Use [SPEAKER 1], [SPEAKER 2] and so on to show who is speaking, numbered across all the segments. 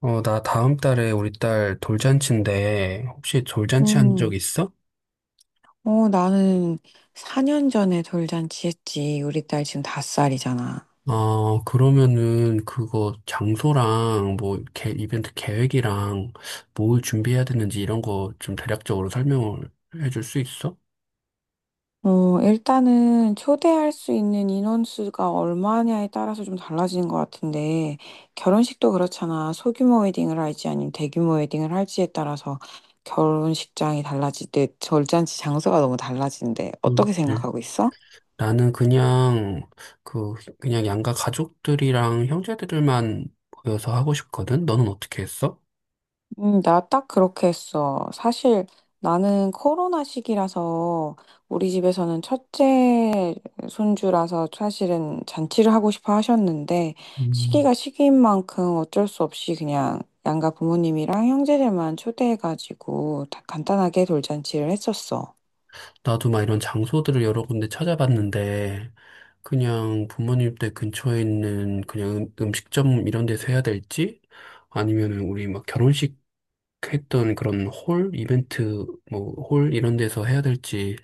[SPEAKER 1] 나 다음 달에 우리 딸 돌잔치인데, 혹시 돌잔치 한
[SPEAKER 2] 음,
[SPEAKER 1] 적 있어?
[SPEAKER 2] 나는 4년 전에 돌잔치 했지. 우리 딸 지금 5살이잖아.
[SPEAKER 1] 그러면은 그거 장소랑 뭐, 이벤트 계획이랑 뭘 준비해야 되는지 이런 거 좀 대략적으로 설명을 해줄 수 있어?
[SPEAKER 2] 일단은 초대할 수 있는 인원수가 얼마냐에 따라서 좀 달라지는 것 같은데, 결혼식도 그렇잖아. 소규모 웨딩을 할지 아니면 대규모 웨딩을 할지에 따라서 결혼식장이 달라지듯 돌잔치 장소가 너무 달라진데
[SPEAKER 1] 응.
[SPEAKER 2] 어떻게
[SPEAKER 1] 응.
[SPEAKER 2] 생각하고 있어?
[SPEAKER 1] 나는 그, 그냥 양가 가족들이랑 형제들만 모여서 하고 싶거든? 너는 어떻게 했어?
[SPEAKER 2] 나 딱 그렇게 했어. 사실 나는 코로나 시기라서 우리 집에서는 첫째 손주라서 사실은 잔치를 하고 싶어 하셨는데
[SPEAKER 1] 음.
[SPEAKER 2] 시기가 시기인 만큼 어쩔 수 없이 그냥 양가 부모님이랑 형제들만 초대해가지고 다 간단하게 돌잔치를 했었어.
[SPEAKER 1] 나도 막 이런 장소들을 여러 군데 찾아봤는데, 그냥 부모님 댁 근처에 있는 그냥 음식점 이런 데서 해야 될지, 아니면은 우리 막 결혼식 했던 그런 홀, 이벤트, 뭐, 홀 이런 데서 해야 될지,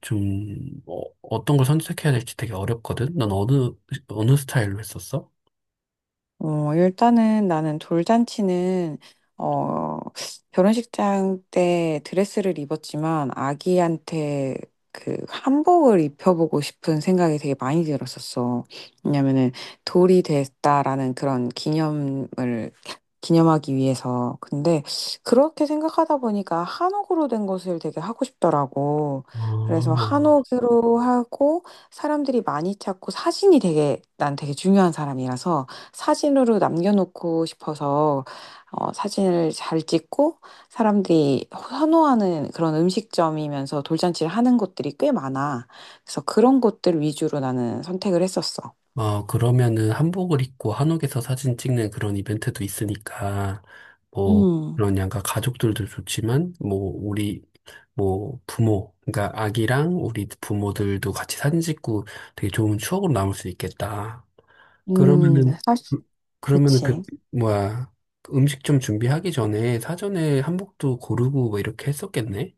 [SPEAKER 1] 좀, 어떤 걸 선택해야 될지 되게 어렵거든? 넌 어느 스타일로 했었어?
[SPEAKER 2] 일단은 나는 돌잔치는, 어, 결혼식장 때 드레스를 입었지만 아기한테 그 한복을 입혀보고 싶은 생각이 되게 많이 들었었어. 왜냐면은 돌이 됐다라는 그런 기념을 기념하기 위해서. 근데 그렇게 생각하다 보니까 한옥으로 된 것을 되게 하고 싶더라고. 그래서
[SPEAKER 1] 아,
[SPEAKER 2] 한옥으로 하고 사람들이 많이 찾고 사진이 되게 난 되게 중요한 사람이라서 사진으로 남겨놓고 싶어서 사진을 잘 찍고 사람들이 선호하는 그런 음식점이면서 돌잔치를 하는 곳들이 꽤 많아. 그래서 그런 곳들 위주로 나는 선택을 했었어.
[SPEAKER 1] 그러면은 한복을 입고 한옥에서 사진 찍는 그런 이벤트도 있으니까, 뭐,
[SPEAKER 2] 음.
[SPEAKER 1] 그런 양가 가족들도 좋지만, 뭐, 우리, 뭐, 그러니까 아기랑 우리 부모들도 같이 사진 찍고 되게 좋은 추억으로 남을 수 있겠다. 그러면은,
[SPEAKER 2] 사실,
[SPEAKER 1] 그러면은
[SPEAKER 2] 그치.
[SPEAKER 1] 뭐야, 그 음식 좀 준비하기 전에 사전에 한복도 고르고 뭐 이렇게 했었겠네?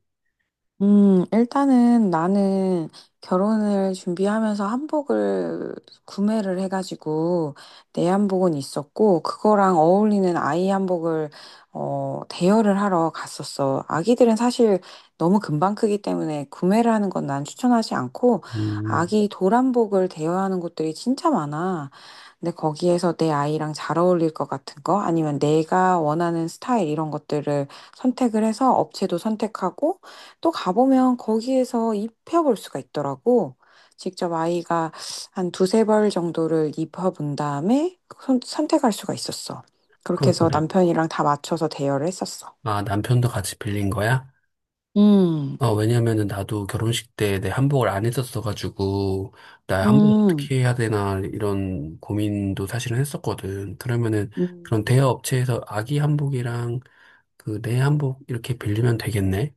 [SPEAKER 2] 일단은 나는 결혼을 준비하면서 한복을 구매를 해가지고 내 한복은 있었고 그거랑 어울리는 아이 한복을 대여를 하러 갔었어. 아기들은 사실 너무 금방 크기 때문에 구매를 하는 건 난 추천하지 않고
[SPEAKER 1] 음,
[SPEAKER 2] 아기 도란복을 대여하는 곳들이 진짜 많아. 근데 거기에서 내 아이랑 잘 어울릴 것 같은 거 아니면 내가 원하는 스타일 이런 것들을 선택을 해서 업체도 선택하고 또 가보면 거기에서 입혀볼 수가 있더라고. 직접 아이가 한 두세 벌 정도를 입혀본 다음에 선택할 수가 있었어. 그렇게
[SPEAKER 1] 그럼
[SPEAKER 2] 해서 남편이랑 다 맞춰서 대여를 했었어.
[SPEAKER 1] 아, 남편도 같이 빌린 거야?
[SPEAKER 2] 음,
[SPEAKER 1] 왜냐면은 나도 결혼식 때 내 한복을 안 했었어가지고, 나 한복
[SPEAKER 2] 음.
[SPEAKER 1] 어떻게 해야 되나 이런 고민도 사실은 했었거든. 그러면은
[SPEAKER 2] 음.
[SPEAKER 1] 그런 대여 업체에서 아기 한복이랑 그 내 한복 이렇게 빌리면 되겠네?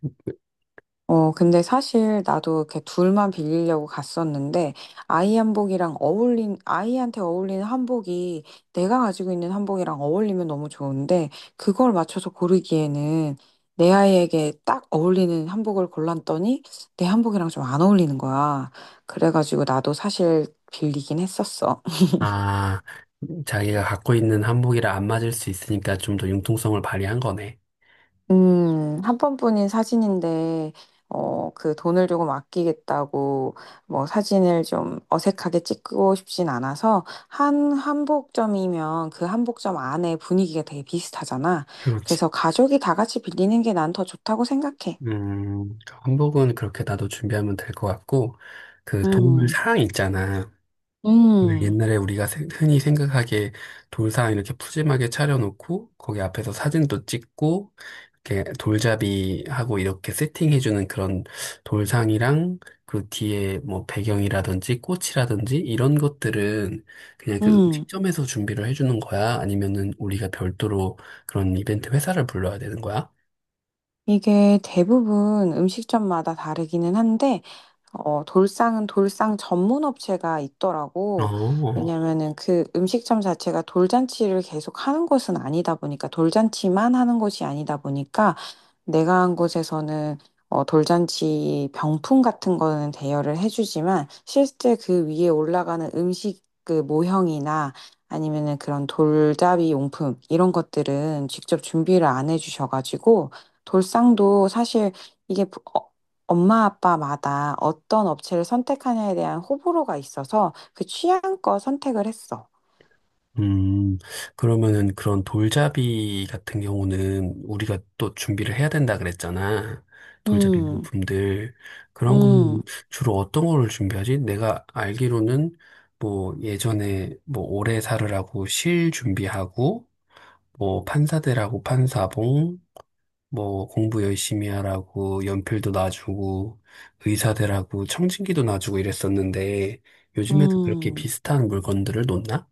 [SPEAKER 2] 어 근데 사실 나도 이렇게 둘만 빌리려고 갔었는데 아이 한복이랑 어울린 아이한테 어울리는 한복이 내가 가지고 있는 한복이랑 어울리면 너무 좋은데 그걸 맞춰서 고르기에는 내 아이에게 딱 어울리는 한복을 골랐더니 내 한복이랑 좀 안 어울리는 거야. 그래가지고 나도 사실 빌리긴 했었어.
[SPEAKER 1] 아, 자기가 갖고 있는 한복이랑 안 맞을 수 있으니까 좀 더 융통성을 발휘한 거네.
[SPEAKER 2] 음. 한 번뿐인 사진인데 어 그 돈을 조금 아끼겠다고 뭐 사진을 좀 어색하게 찍고 싶진 않아서 한 한복점이면 그 한복점 안에 분위기가 되게 비슷하잖아.
[SPEAKER 1] 그렇지.
[SPEAKER 2] 그래서 '가족이 다 같이 빌리는 게 난 더 좋다.'고 생각해.
[SPEAKER 1] 그 한복은 그렇게 나도 준비하면 될 것 같고, 그 도울
[SPEAKER 2] 음.
[SPEAKER 1] 사랑 있잖아. 네,
[SPEAKER 2] 음.
[SPEAKER 1] 옛날에 우리가 흔히 생각하기에 돌상 이렇게 푸짐하게 차려놓고 거기 앞에서 사진도 찍고 이렇게 돌잡이하고 이렇게 세팅해주는 그런 돌상이랑 그 뒤에 뭐 배경이라든지 꽃이라든지 이런 것들은 그냥 그
[SPEAKER 2] 음.
[SPEAKER 1] 음식점에서 준비를 해주는 거야? 아니면은 우리가 별도로 그런 이벤트 회사를 불러야 되는 거야?
[SPEAKER 2] 이게 대부분 음식점마다 다르기는 한데 돌상은 돌상 전문 업체가 있더라고.
[SPEAKER 1] 어,
[SPEAKER 2] 왜냐면은 그 음식점 자체가 돌잔치를 계속 하는 곳은 아니다 보니까, 돌잔치만 하는 곳이 아니다 보니까, 내가 한 곳에서는 돌잔치 병품 같은 거는 대여를 해주지만, 실제 그 위에 올라가는 음식 그 모형이나 아니면은 그런 돌잡이 용품, 이런 것들은 직접 준비를 안 해주셔가지고, 돌상도 사실 이게 엄마 아빠마다 어떤 업체를 선택하냐에 대한 호불호가 있어서 그 취향껏 선택을 했어.
[SPEAKER 1] 음, 그러면은 그런 돌잡이 같은 경우는 우리가 또 준비를 해야 된다 그랬잖아. 돌잡이
[SPEAKER 2] 음,
[SPEAKER 1] 물품들. 그런
[SPEAKER 2] 음,
[SPEAKER 1] 거는 주로 어떤 거를 준비하지? 내가 알기로는 뭐 예전에 뭐 오래사르라고 실 준비하고, 뭐 판사대라고 판사봉, 뭐 공부 열심히 하라고 연필도 놔주고, 의사대라고 청진기도 놔주고 이랬었는데, 요즘에도 그렇게
[SPEAKER 2] 음,
[SPEAKER 1] 비슷한 물건들을 놓나?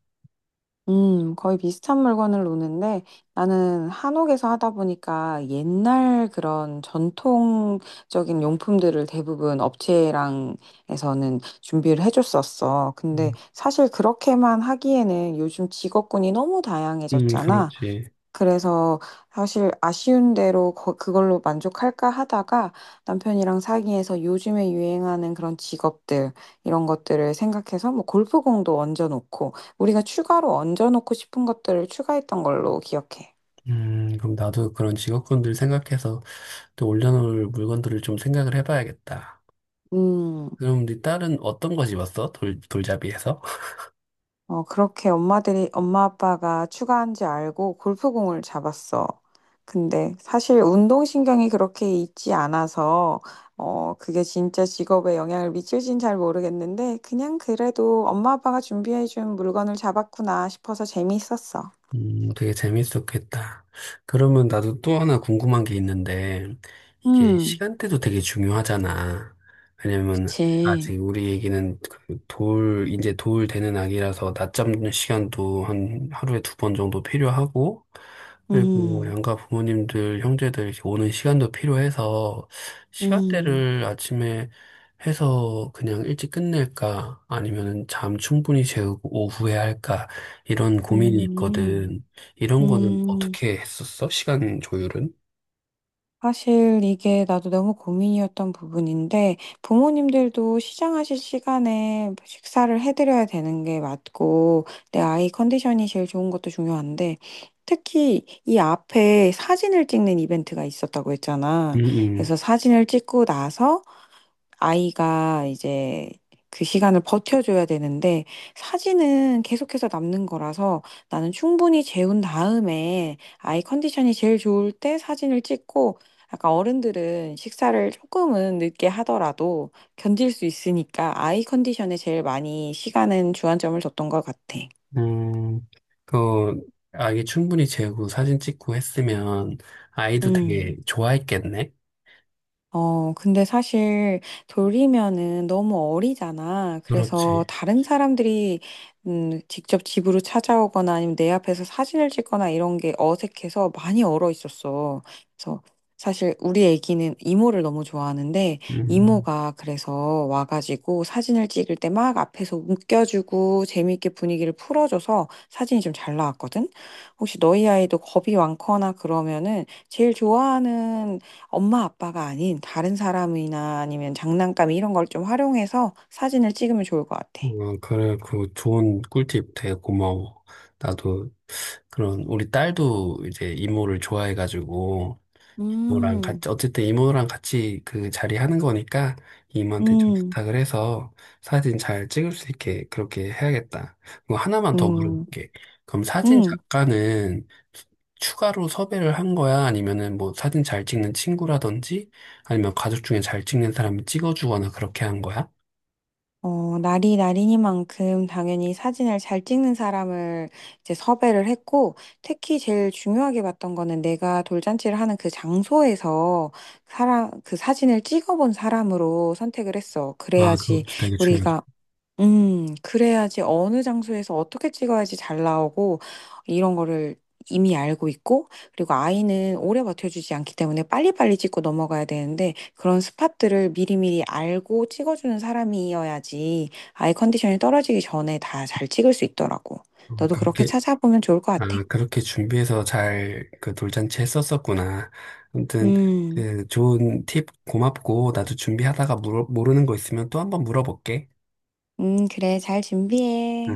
[SPEAKER 2] 거의 비슷한 물건을 노는데 나는 한옥에서 하다 보니까 옛날 그런 전통적인 용품들을 대부분 업체랑에서는 준비를 해줬었어. 근데
[SPEAKER 1] 음,
[SPEAKER 2] 사실 그렇게만 하기에는 요즘 직업군이 너무 다양해졌잖아.
[SPEAKER 1] 그렇지.
[SPEAKER 2] 그래서 사실 아쉬운 대로 그걸로 만족할까 하다가 남편이랑 상의해서 요즘에 유행하는 그런 직업들 이런 것들을 생각해서 뭐 골프공도 얹어놓고 우리가 추가로 얹어놓고 싶은 것들을 추가했던 걸로 기억해.
[SPEAKER 1] 그럼 나도 그런 직업군들 생각해서 또 올려놓을 물건들을 좀 생각을 해봐야겠다.
[SPEAKER 2] 음.
[SPEAKER 1] 그럼 네 딸은 어떤 거 집었어? 돌잡이에서?
[SPEAKER 2] 그렇게 엄마 아빠가 추가한지 알고 골프공을 잡았어. 근데 사실 운동신경이 그렇게 있지 않아서, 그게 진짜 직업에 영향을 미칠진 잘 모르겠는데, 그냥 그래도 엄마 아빠가 준비해준 물건을 잡았구나 싶어서 재미있었어.
[SPEAKER 1] 되게 재밌었겠다. 그러면 나도 또 하나 궁금한 게 있는데, 이게
[SPEAKER 2] 음,
[SPEAKER 1] 시간대도 되게 중요하잖아. 왜냐면,
[SPEAKER 2] 그치.
[SPEAKER 1] 아직 우리 얘기는 이제 돌 되는 아기라서 낮잠 시간도 한 하루에 2번 정도 필요하고, 그리고
[SPEAKER 2] 음,
[SPEAKER 1] 양가 부모님들, 형제들 이렇게 오는 시간도 필요해서,
[SPEAKER 2] 음,
[SPEAKER 1] 시간대를 아침에 해서 그냥 일찍 끝낼까? 아니면 잠 충분히 재우고 오후에 할까? 이런 고민이
[SPEAKER 2] 음,
[SPEAKER 1] 있거든. 이런 거는
[SPEAKER 2] 음.
[SPEAKER 1] 어떻게 했었어? 시간 조율은?
[SPEAKER 2] 사실 이게 나도 너무 고민이었던 부분인데 부모님들도 시장하실 시간에 식사를 해드려야 되는 게 맞고 내 아이 컨디션이 제일 좋은 것도 중요한데 특히 이 앞에 사진을 찍는 이벤트가 있었다고 했잖아.
[SPEAKER 1] 음,
[SPEAKER 2] 그래서 사진을 찍고 나서 아이가 이제 그 시간을 버텨줘야 되는데 사진은 계속해서 남는 거라서 나는 충분히 재운 다음에 아이 컨디션이 제일 좋을 때 사진을 찍고 약간 어른들은 식사를 조금은 늦게 하더라도 견딜 수 있으니까 아이 컨디션에 제일 많이 시간은 주안점을 줬던 것 같아.
[SPEAKER 1] 음, 음, 그, 아, 이 충분히 재우고 사진 찍고 했으면 아이도
[SPEAKER 2] 음.
[SPEAKER 1] 되게 좋아했겠네?
[SPEAKER 2] 근데 사실 돌리면은 너무 어리잖아. 그래서
[SPEAKER 1] 그렇지.
[SPEAKER 2] 다른 사람들이 직접 집으로 찾아오거나 아니면 내 앞에서 사진을 찍거나 이런 게 어색해서 많이 얼어 있었어. 그래서 사실 우리 애기는 이모를 너무 좋아하는데
[SPEAKER 1] 음,
[SPEAKER 2] 이모가 그래서 와가지고 사진을 찍을 때 막 앞에서 웃겨주고 재미있게 분위기를 풀어줘서 사진이 좀 잘 나왔거든. 혹시 너희 아이도 겁이 많거나 그러면은 제일 좋아하는 엄마 아빠가 아닌 다른 사람이나 아니면 장난감 이런 걸 좀 활용해서 사진을 찍으면 좋을 것 같아.
[SPEAKER 1] 그래, 그 좋은 꿀팁 되게 고마워. 나도 우리 딸도 이제 이모를 좋아해가지고, 이모랑
[SPEAKER 2] 음,
[SPEAKER 1] 같이 어쨌든 이모랑 같이 그 자리 하는 거니까 이모한테 좀
[SPEAKER 2] 음,
[SPEAKER 1] 부탁을 해서 사진 잘 찍을 수 있게 그렇게 해야겠다. 그거 하나만 더
[SPEAKER 2] 음,
[SPEAKER 1] 물어볼게. 그럼 사진
[SPEAKER 2] 음.
[SPEAKER 1] 작가는 추가로 섭외를 한 거야? 아니면은 뭐 사진 잘 찍는 친구라든지 아니면 가족 중에 잘 찍는 사람이 찍어주거나 그렇게 한 거야?
[SPEAKER 2] 날이 날이니만큼 당연히 사진을 잘 찍는 사람을 이제 섭외를 했고, 특히 제일 중요하게 봤던 거는 내가 돌잔치를 하는 그 장소에서 그 사진을 찍어본 사람으로 선택을 했어.
[SPEAKER 1] 아,
[SPEAKER 2] 그래야지
[SPEAKER 1] 그것도 되게 중요해.
[SPEAKER 2] 우리가 그래야지 어느 장소에서 어떻게 찍어야지 잘 나오고 이런 거를 이미 알고 있고 그리고 아이는 오래 버텨주지 않기 때문에 빨리빨리 찍고 넘어가야 되는데 그런 스팟들을 미리미리 알고 찍어주는 사람이어야지 아이 컨디션이 떨어지기 전에 다 잘 찍을 수 있더라고.
[SPEAKER 1] 어,
[SPEAKER 2] 너도 그렇게
[SPEAKER 1] 그렇게
[SPEAKER 2] 찾아보면 좋을 것 같아.
[SPEAKER 1] 아, 그렇게 준비해서 잘 그 돌잔치 했었었구나. 아무튼
[SPEAKER 2] 음.
[SPEAKER 1] 그 좋은 팁 고맙고 나도 준비하다가 모르는 거 있으면 또 한번 물어볼게.
[SPEAKER 2] 그래. 잘
[SPEAKER 1] 응?
[SPEAKER 2] 준비해.